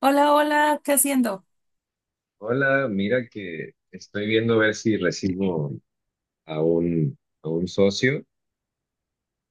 Hola, hola, ¿qué haciendo? Hola, mira que estoy viendo a ver si recibo a un, a un socio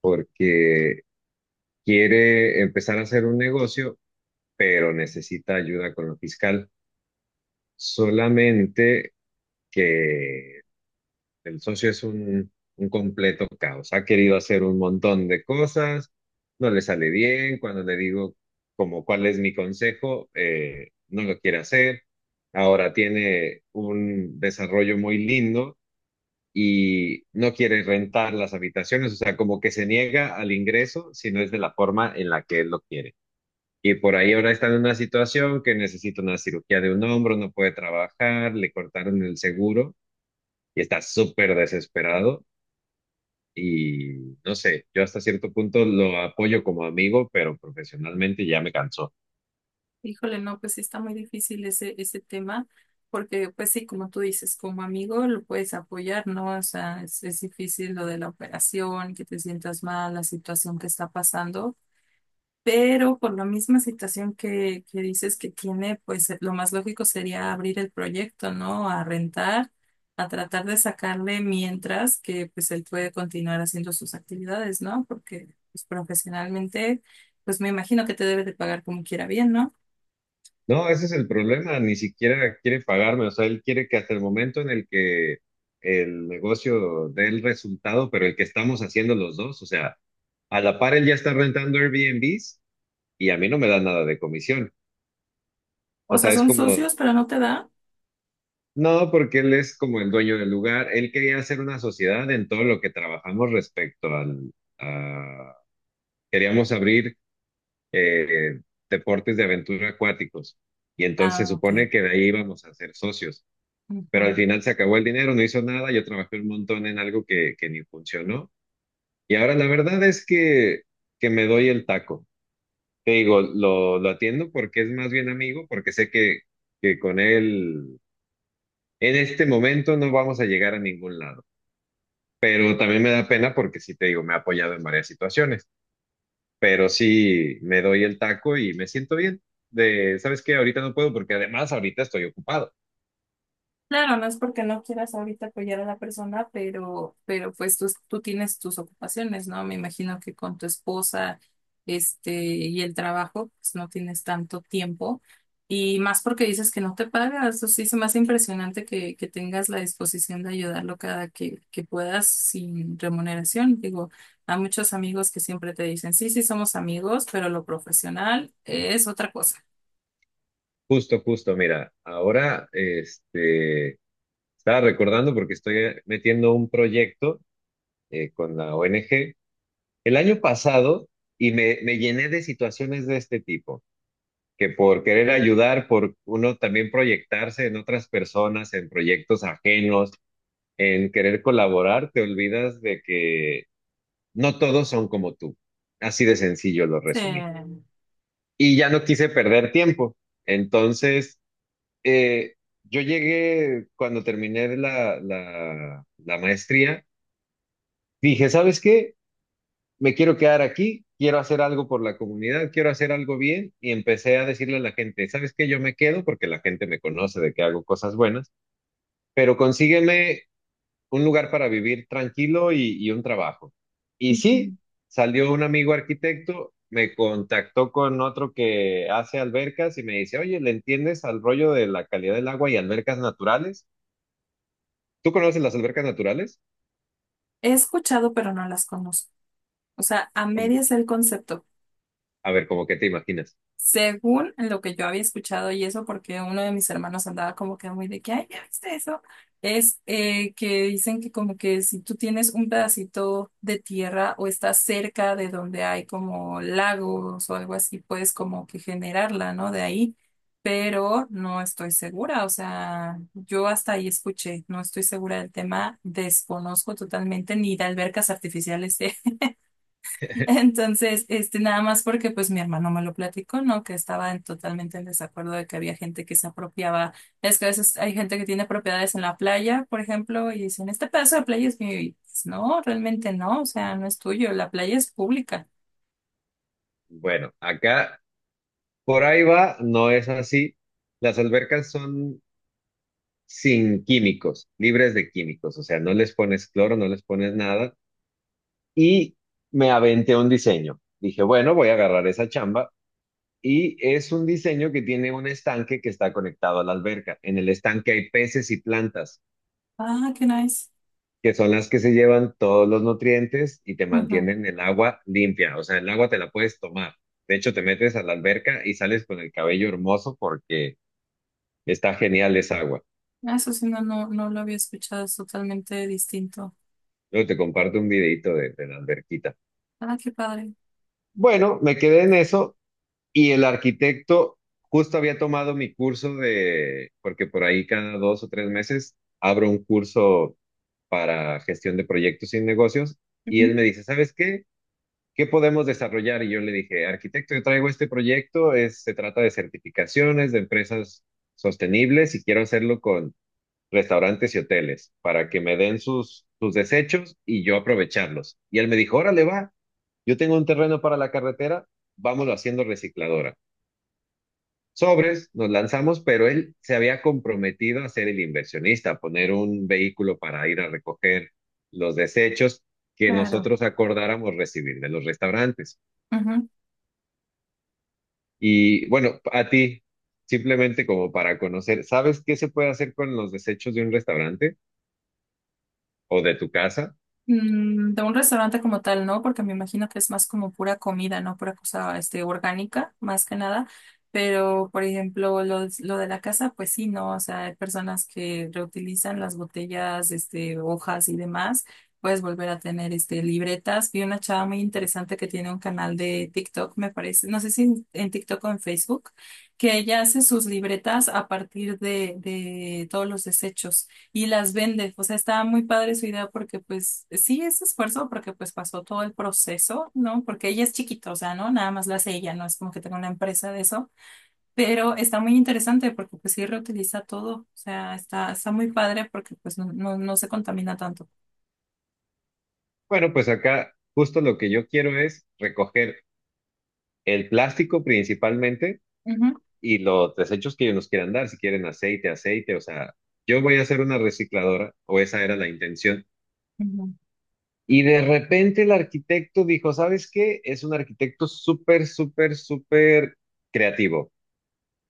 porque quiere empezar a hacer un negocio, pero necesita ayuda con lo fiscal. Solamente que el socio es un completo caos. Ha querido hacer un montón de cosas, no le sale bien. Cuando le digo como cuál es mi consejo, no lo quiere hacer. Ahora tiene un desarrollo muy lindo y no quiere rentar las habitaciones, o sea, como que se niega al ingreso si no es de la forma en la que él lo quiere. Y por ahí ahora está en una situación que necesita una cirugía de un hombro, no puede trabajar, le cortaron el seguro y está súper desesperado. Y no sé, yo hasta cierto punto lo apoyo como amigo, pero profesionalmente ya me cansó. Híjole, no, pues sí está muy difícil ese tema, porque pues sí, como tú dices, como amigo lo puedes apoyar, ¿no? O sea, es difícil lo de la operación, que te sientas mal, la situación que está pasando. Pero por la misma situación que dices que tiene, pues lo más lógico sería abrir el proyecto, ¿no? A rentar, a tratar de sacarle mientras que pues él puede continuar haciendo sus actividades, ¿no? Porque pues, profesionalmente, pues me imagino que te debe de pagar como quiera bien, ¿no? No, ese es el problema, ni siquiera quiere pagarme, o sea, él quiere que hasta el momento en el que el negocio dé el resultado, pero el que estamos haciendo los dos, o sea, a la par él ya está rentando Airbnbs y a mí no me da nada de comisión. O O sea, sea, es son como, socios, pero no te da. no, porque él es como el dueño del lugar, él quería hacer una sociedad en todo lo que trabajamos respecto al, a- queríamos abrir eh, deportes de aventura acuáticos y entonces Ah, se ok. supone que de ahí íbamos a ser socios. Pero al Ujú. final se acabó el dinero, no hizo nada, yo trabajé un montón en algo que ni funcionó. Y ahora la verdad es que me doy el taco. Te digo, lo atiendo porque es más bien amigo, porque sé que con él en este momento no vamos a llegar a ningún lado. Pero también me da pena porque sí te digo, me ha apoyado en varias situaciones, pero sí me doy el taco y me siento bien. ¿Sabes qué? Ahorita no puedo porque además ahorita estoy ocupado. Claro, no es porque no quieras ahorita apoyar a la persona, pero pues tú tienes tus ocupaciones, ¿no? Me imagino que con tu esposa, este, y el trabajo, pues no tienes tanto tiempo. Y más porque dices que no te pagas, eso sí se me hace impresionante que tengas la disposición de ayudarlo cada que puedas sin remuneración. Digo, a muchos amigos que siempre te dicen, sí, sí, somos amigos, pero lo profesional es otra cosa. Justo, justo, mira, ahora estaba recordando porque estoy metiendo un proyecto con la ONG el año pasado y me llené de situaciones de este tipo, que por querer ayudar, por uno también proyectarse en otras personas, en proyectos ajenos, en querer colaborar, te olvidas de que no todos son como tú. Así de sencillo lo resumí. Eh, Y ya no quise perder tiempo. Entonces, eh, yo llegué cuando terminé la maestría. Dije, ¿sabes qué? Me quiero quedar aquí, quiero hacer algo por la comunidad, quiero hacer algo bien y empecé a decirle a la gente, ¿sabes qué? Yo me quedo porque la gente me conoce de que hago cosas buenas, pero consígueme un lugar para vivir tranquilo y un trabajo. Y sí, Ujú. salió un amigo arquitecto, me contactó con otro que hace albercas y me dice, oye, ¿le entiendes al rollo de la calidad del agua y albercas naturales? ¿Tú conoces las albercas naturales? He escuchado, pero no las conozco. O sea, a Como- medias el concepto. A ver, ¿cómo que te imaginas? Según lo que yo había escuchado y eso, porque uno de mis hermanos andaba como que muy de que, ay, ¿ya viste eso? Es que dicen que como que si tú tienes un pedacito de tierra o estás cerca de donde hay como lagos o algo así, puedes como que generarla, ¿no? De ahí, pero no estoy segura, o sea, yo hasta ahí escuché, no estoy segura del tema, desconozco totalmente ni de albercas artificiales. Entonces, este, nada más porque pues mi hermano me lo platicó, ¿no? Que estaba en- totalmente en desacuerdo de que había gente que se apropiaba. Es que a veces hay gente que tiene propiedades en la playa, por ejemplo, y dicen, este pedazo de playa es mío. Y, pues, no, realmente no, o sea, no es tuyo, la playa es pública. Bueno, acá por ahí va, no es así. Las albercas son sin químicos, libres de químicos, o sea, no les pones cloro, no les pones nada. Y me aventé un diseño. Dije, bueno, voy a agarrar esa chamba. Y es un diseño que tiene un estanque que está conectado a la alberca. En el estanque hay peces y plantas, Ah, qué nice. que son las que se llevan todos los nutrientes y te Ujú. mantienen el agua limpia. O sea, el agua te la puedes tomar. De hecho, te metes a la alberca y sales con el cabello hermoso porque está genial esa agua. Eso sí, no lo había escuchado, es totalmente distinto. Luego te comparto un videito de la alberquita. Ah, qué padre. Bueno, me quedé en eso y el arquitecto justo había tomado mi curso de, porque por ahí cada 2 o 3 meses abro un curso para gestión de proyectos y negocios y Ujú. él me dice, ¿sabes qué? ¿Qué podemos desarrollar? Y yo le dije, arquitecto, yo traigo este proyecto, se trata de certificaciones de empresas sostenibles y quiero hacerlo con restaurantes y hoteles para que me den sus desechos y yo aprovecharlos. Y él me dijo, órale, va, yo tengo un terreno para la carretera, vámonos haciendo recicladora. Sobres, nos lanzamos, pero él se había comprometido a ser el inversionista, a poner un vehículo para ir a recoger los desechos que Claro. nosotros acordáramos recibir de los restaurantes. Ujú. Y bueno, a ti, simplemente como para conocer, ¿sabes qué se puede hacer con los desechos de un restaurante o de tu casa? Mm, de un restaurante como tal, ¿no? Porque me imagino que es más como pura comida, ¿no? Pura cosa, este, orgánica, más que nada. Pero, por ejemplo, lo de la casa, pues sí, ¿no? O sea, hay personas que reutilizan las botellas, este, hojas y demás. Puedes volver a tener, este, libretas. Vi una chava muy interesante que tiene un canal de TikTok, me parece. No sé si en TikTok o en Facebook, que ella hace sus libretas a partir de todos los desechos y las vende. O sea, está muy padre su idea porque pues sí es esfuerzo porque pues pasó todo el proceso, ¿no? Porque ella es chiquita, o sea, ¿no? Nada más la hace ella, no es como que tenga una empresa de eso, pero está muy interesante porque pues sí reutiliza todo, o sea, está muy padre porque pues no se contamina tanto. Bueno, pues acá justo lo que yo quiero es recoger el plástico principalmente Ujú, y los desechos que ellos nos quieran dar, si quieren aceite, aceite, o sea, yo voy a hacer una recicladora, o esa era la intención. ujú, Y de repente el arquitecto dijo, ¿sabes qué? Es un arquitecto súper, súper, súper creativo,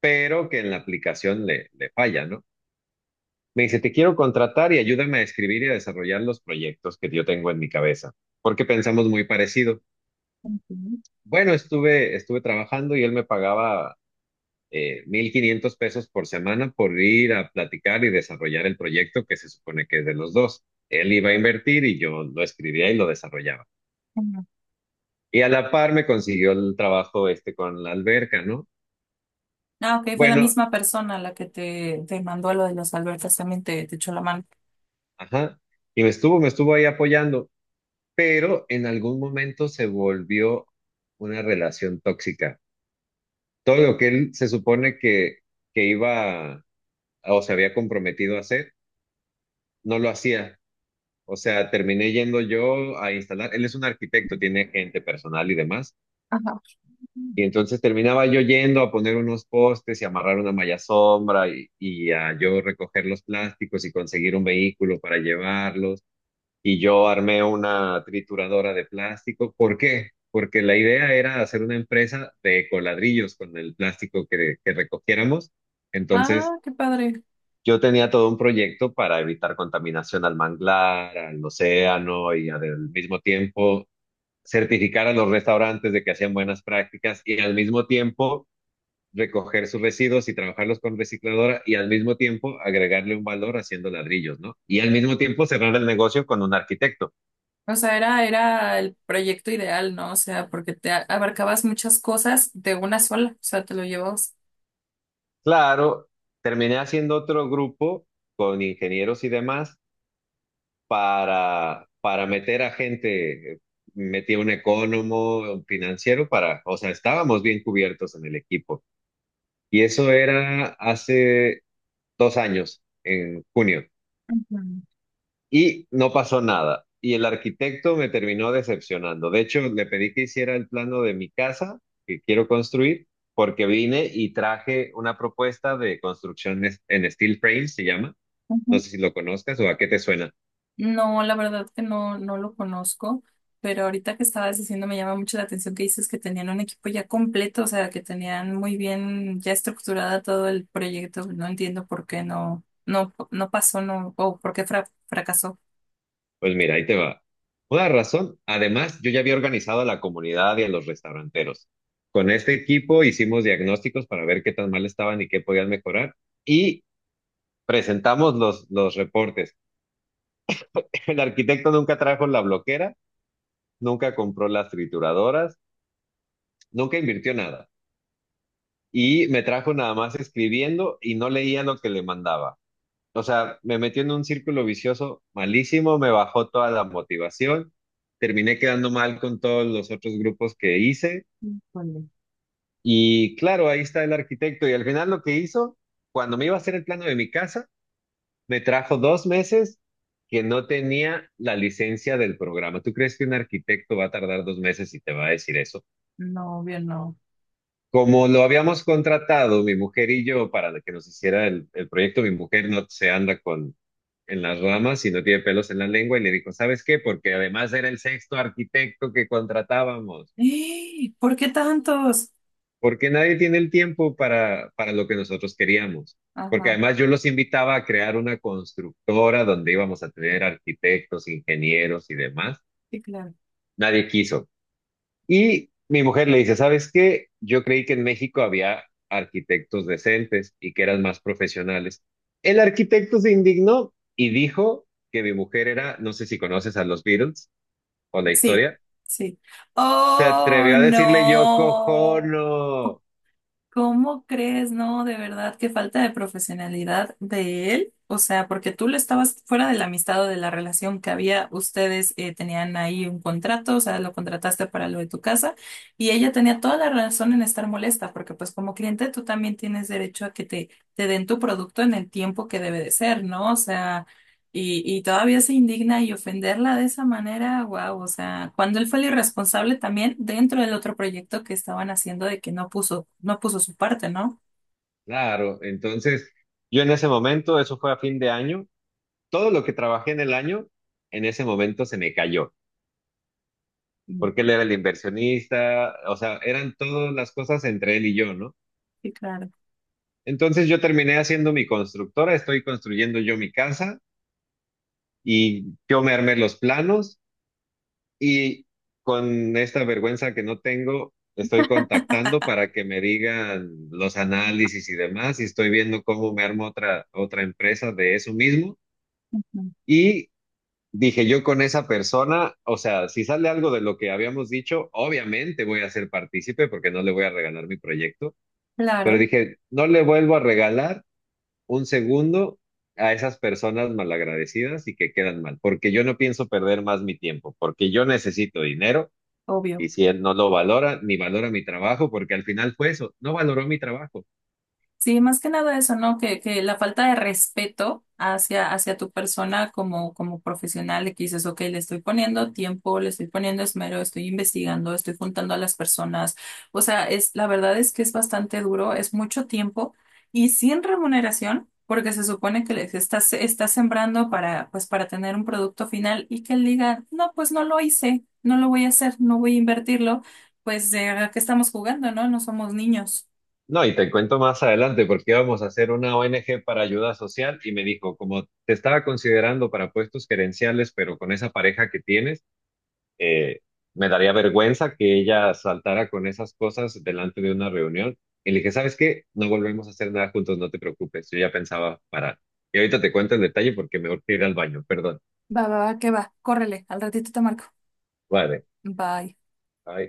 pero que en la aplicación le falla, ¿no? Me dice, te quiero contratar y ayúdame a escribir y a desarrollar los proyectos que yo tengo en mi cabeza, porque pensamos muy parecido. ujú, Bueno, estuve trabajando y él me pagaba 1,500 pesos por semana por ir a platicar y desarrollar el proyecto que se supone que es de los dos. Él iba a invertir y yo lo escribía y lo desarrollaba. ujú. Y a la par me consiguió el trabajo este con la alberca, ¿no? Ah, ok, fue la Bueno, misma persona la que te mandó lo de los albertas, también te echó la mano. ajá. Y me estuvo ahí apoyando, pero en algún momento se volvió una relación tóxica. Todo lo que él se supone que iba o se había comprometido a hacer, no lo hacía. O sea, terminé yendo yo a instalar, él es un arquitecto, tiene gente personal y demás, Ajá. y entonces terminaba yo yendo a poner unos postes y amarrar una malla sombra y a yo recoger los plásticos y conseguir un vehículo para llevarlos, y yo armé una trituradora de plástico. ¿Por qué? Porque la idea era hacer una empresa de coladrillos con el plástico que recogiéramos. Entonces Ah, qué padre. yo tenía todo un proyecto para evitar contaminación al manglar, al océano y al mismo tiempo certificar a los restaurantes de que hacían buenas prácticas y al mismo tiempo recoger sus residuos y trabajarlos con recicladora y al mismo tiempo agregarle un valor haciendo ladrillos, ¿no? Y al mismo tiempo cerrar el negocio con un arquitecto. O sea, era el proyecto ideal, ¿no? O sea, porque te a- abarcabas muchas cosas de una sola, o sea, te lo llevabas. Claro, terminé haciendo otro grupo con ingenieros y demás para meter a gente, metí a un economo, un financiero para, o sea, estábamos bien cubiertos en el equipo. Y eso era hace 2 años, en junio, Mm, y no pasó nada. Y el arquitecto me terminó decepcionando. De hecho, le pedí que hiciera el plano de mi casa que quiero construir, porque vine y traje una propuesta de construcción en steel frame, se llama. No ujú. sé si lo conozcas o a qué te suena. No, la verdad que no, no lo conozco, pero ahorita que estabas diciendo me llama mucho la atención que dices que tenían un equipo ya completo, o sea, que tenían muy bien ya estructurada todo el proyecto. No entiendo por qué no pasó, no, o por qué fra- fracasó. Pues mira, ahí te va. Una razón, además, yo ya había organizado a la comunidad y a los restauranteros. Con este equipo hicimos diagnósticos para ver qué tan mal estaban y qué podían mejorar y presentamos los reportes. El arquitecto nunca trajo la bloquera, nunca compró las trituradoras, nunca invirtió nada y me trajo nada más escribiendo y no leía lo que le mandaba. O sea, me metió en un círculo vicioso malísimo, me bajó toda la motivación, terminé quedando mal con todos los otros grupos que hice Híjole. y claro, ahí está el arquitecto y al final lo que hizo, cuando me iba a hacer el plano de mi casa, me trajo 2 meses que no tenía la licencia del programa. ¿Tú crees que un arquitecto va a tardar 2 meses y te va a decir eso? No, obvio, no. Como lo habíamos contratado, mi mujer y yo, para que nos hiciera el proyecto, mi mujer no se anda en las ramas y no tiene pelos en la lengua y le dijo, ¿sabes qué? Porque además era el sexto arquitecto que contratábamos, ¡Eh! ¿Por qué tantos? porque nadie tiene el tiempo para lo que nosotros queríamos. Porque Ajá, además yo los invitaba a crear una constructora donde íbamos a tener arquitectos, ingenieros y demás. sí, claro. Nadie quiso. Y mi mujer le dice, ¿sabes qué? Yo creí que en México había arquitectos decentes y que eran más profesionales. El arquitecto se indignó y dijo que mi mujer era, no sé si conoces a los Beatles, o la Sí, historia, sí. se Oh, atrevió a decirle Yoko no. Ono. ¿Cómo crees? No, de verdad, qué falta de profesionalidad de él. O sea, porque tú le estabas fuera de la amistad o de la relación que había, ustedes tenían ahí un contrato, o sea, lo contrataste para lo de tu casa y ella tenía toda la razón en estar molesta, porque pues como cliente tú también tienes derecho a que te den tu producto en el tiempo que debe de ser, ¿no? O sea... Y todavía se indigna y ofenderla de esa manera, wow, o sea, cuando él fue el irresponsable también dentro del otro proyecto que estaban haciendo de que no puso, no puso su parte, ¿no? Claro, entonces yo en ese momento, eso fue a fin de año, todo lo que trabajé en el año, en ese momento se me cayó, porque Mm. él era el inversionista, o sea, eran todas las cosas entre él y yo, ¿no? Sí, claro. Entonces yo terminé haciendo mi constructora, estoy construyendo yo mi casa y yo me armé los planos. Y con esta vergüenza que no tengo, estoy contactando para que me digan los análisis y demás, y estoy viendo cómo me armo otra, otra empresa de eso mismo. Ujú. Y dije yo con esa persona, o sea, si sale algo de lo que habíamos dicho, obviamente voy a ser partícipe porque no le voy a regalar mi proyecto, pero Claro, dije, no le vuelvo a regalar un segundo a esas personas malagradecidas y que quedan mal, porque yo no pienso perder más mi tiempo, porque yo necesito dinero obvio. y si él no lo valora, ni valora mi trabajo, porque al final fue eso, no valoró mi trabajo. Sí, más que nada eso, ¿no? Que la falta de respeto hacia tu persona como, como profesional, de que dices, ok, le estoy poniendo tiempo, le estoy poniendo esmero, estoy investigando, estoy juntando a las personas. O sea, es, la verdad es que es bastante duro, es mucho tiempo y sin remuneración, porque se supone que estás sembrando para, pues, para tener un producto final y que él diga, no, pues no lo hice, no lo voy a hacer, no voy a invertirlo, pues, ¿de qué estamos jugando, no? No somos niños. No, y te cuento más adelante, porque íbamos a hacer una ONG para ayuda social y me dijo, como te estaba considerando para puestos gerenciales, pero con esa pareja que tienes, eh, me daría vergüenza que ella saltara con esas cosas delante de una reunión. Y le dije, ¿sabes qué? No volvemos a hacer nada juntos, no te preocupes, yo ya pensaba parar. Y ahorita te cuento el detalle porque me urge ir al baño, perdón. Va, va, va, que va. Córrele, al ratito te marco. Vale. Bye. Ay.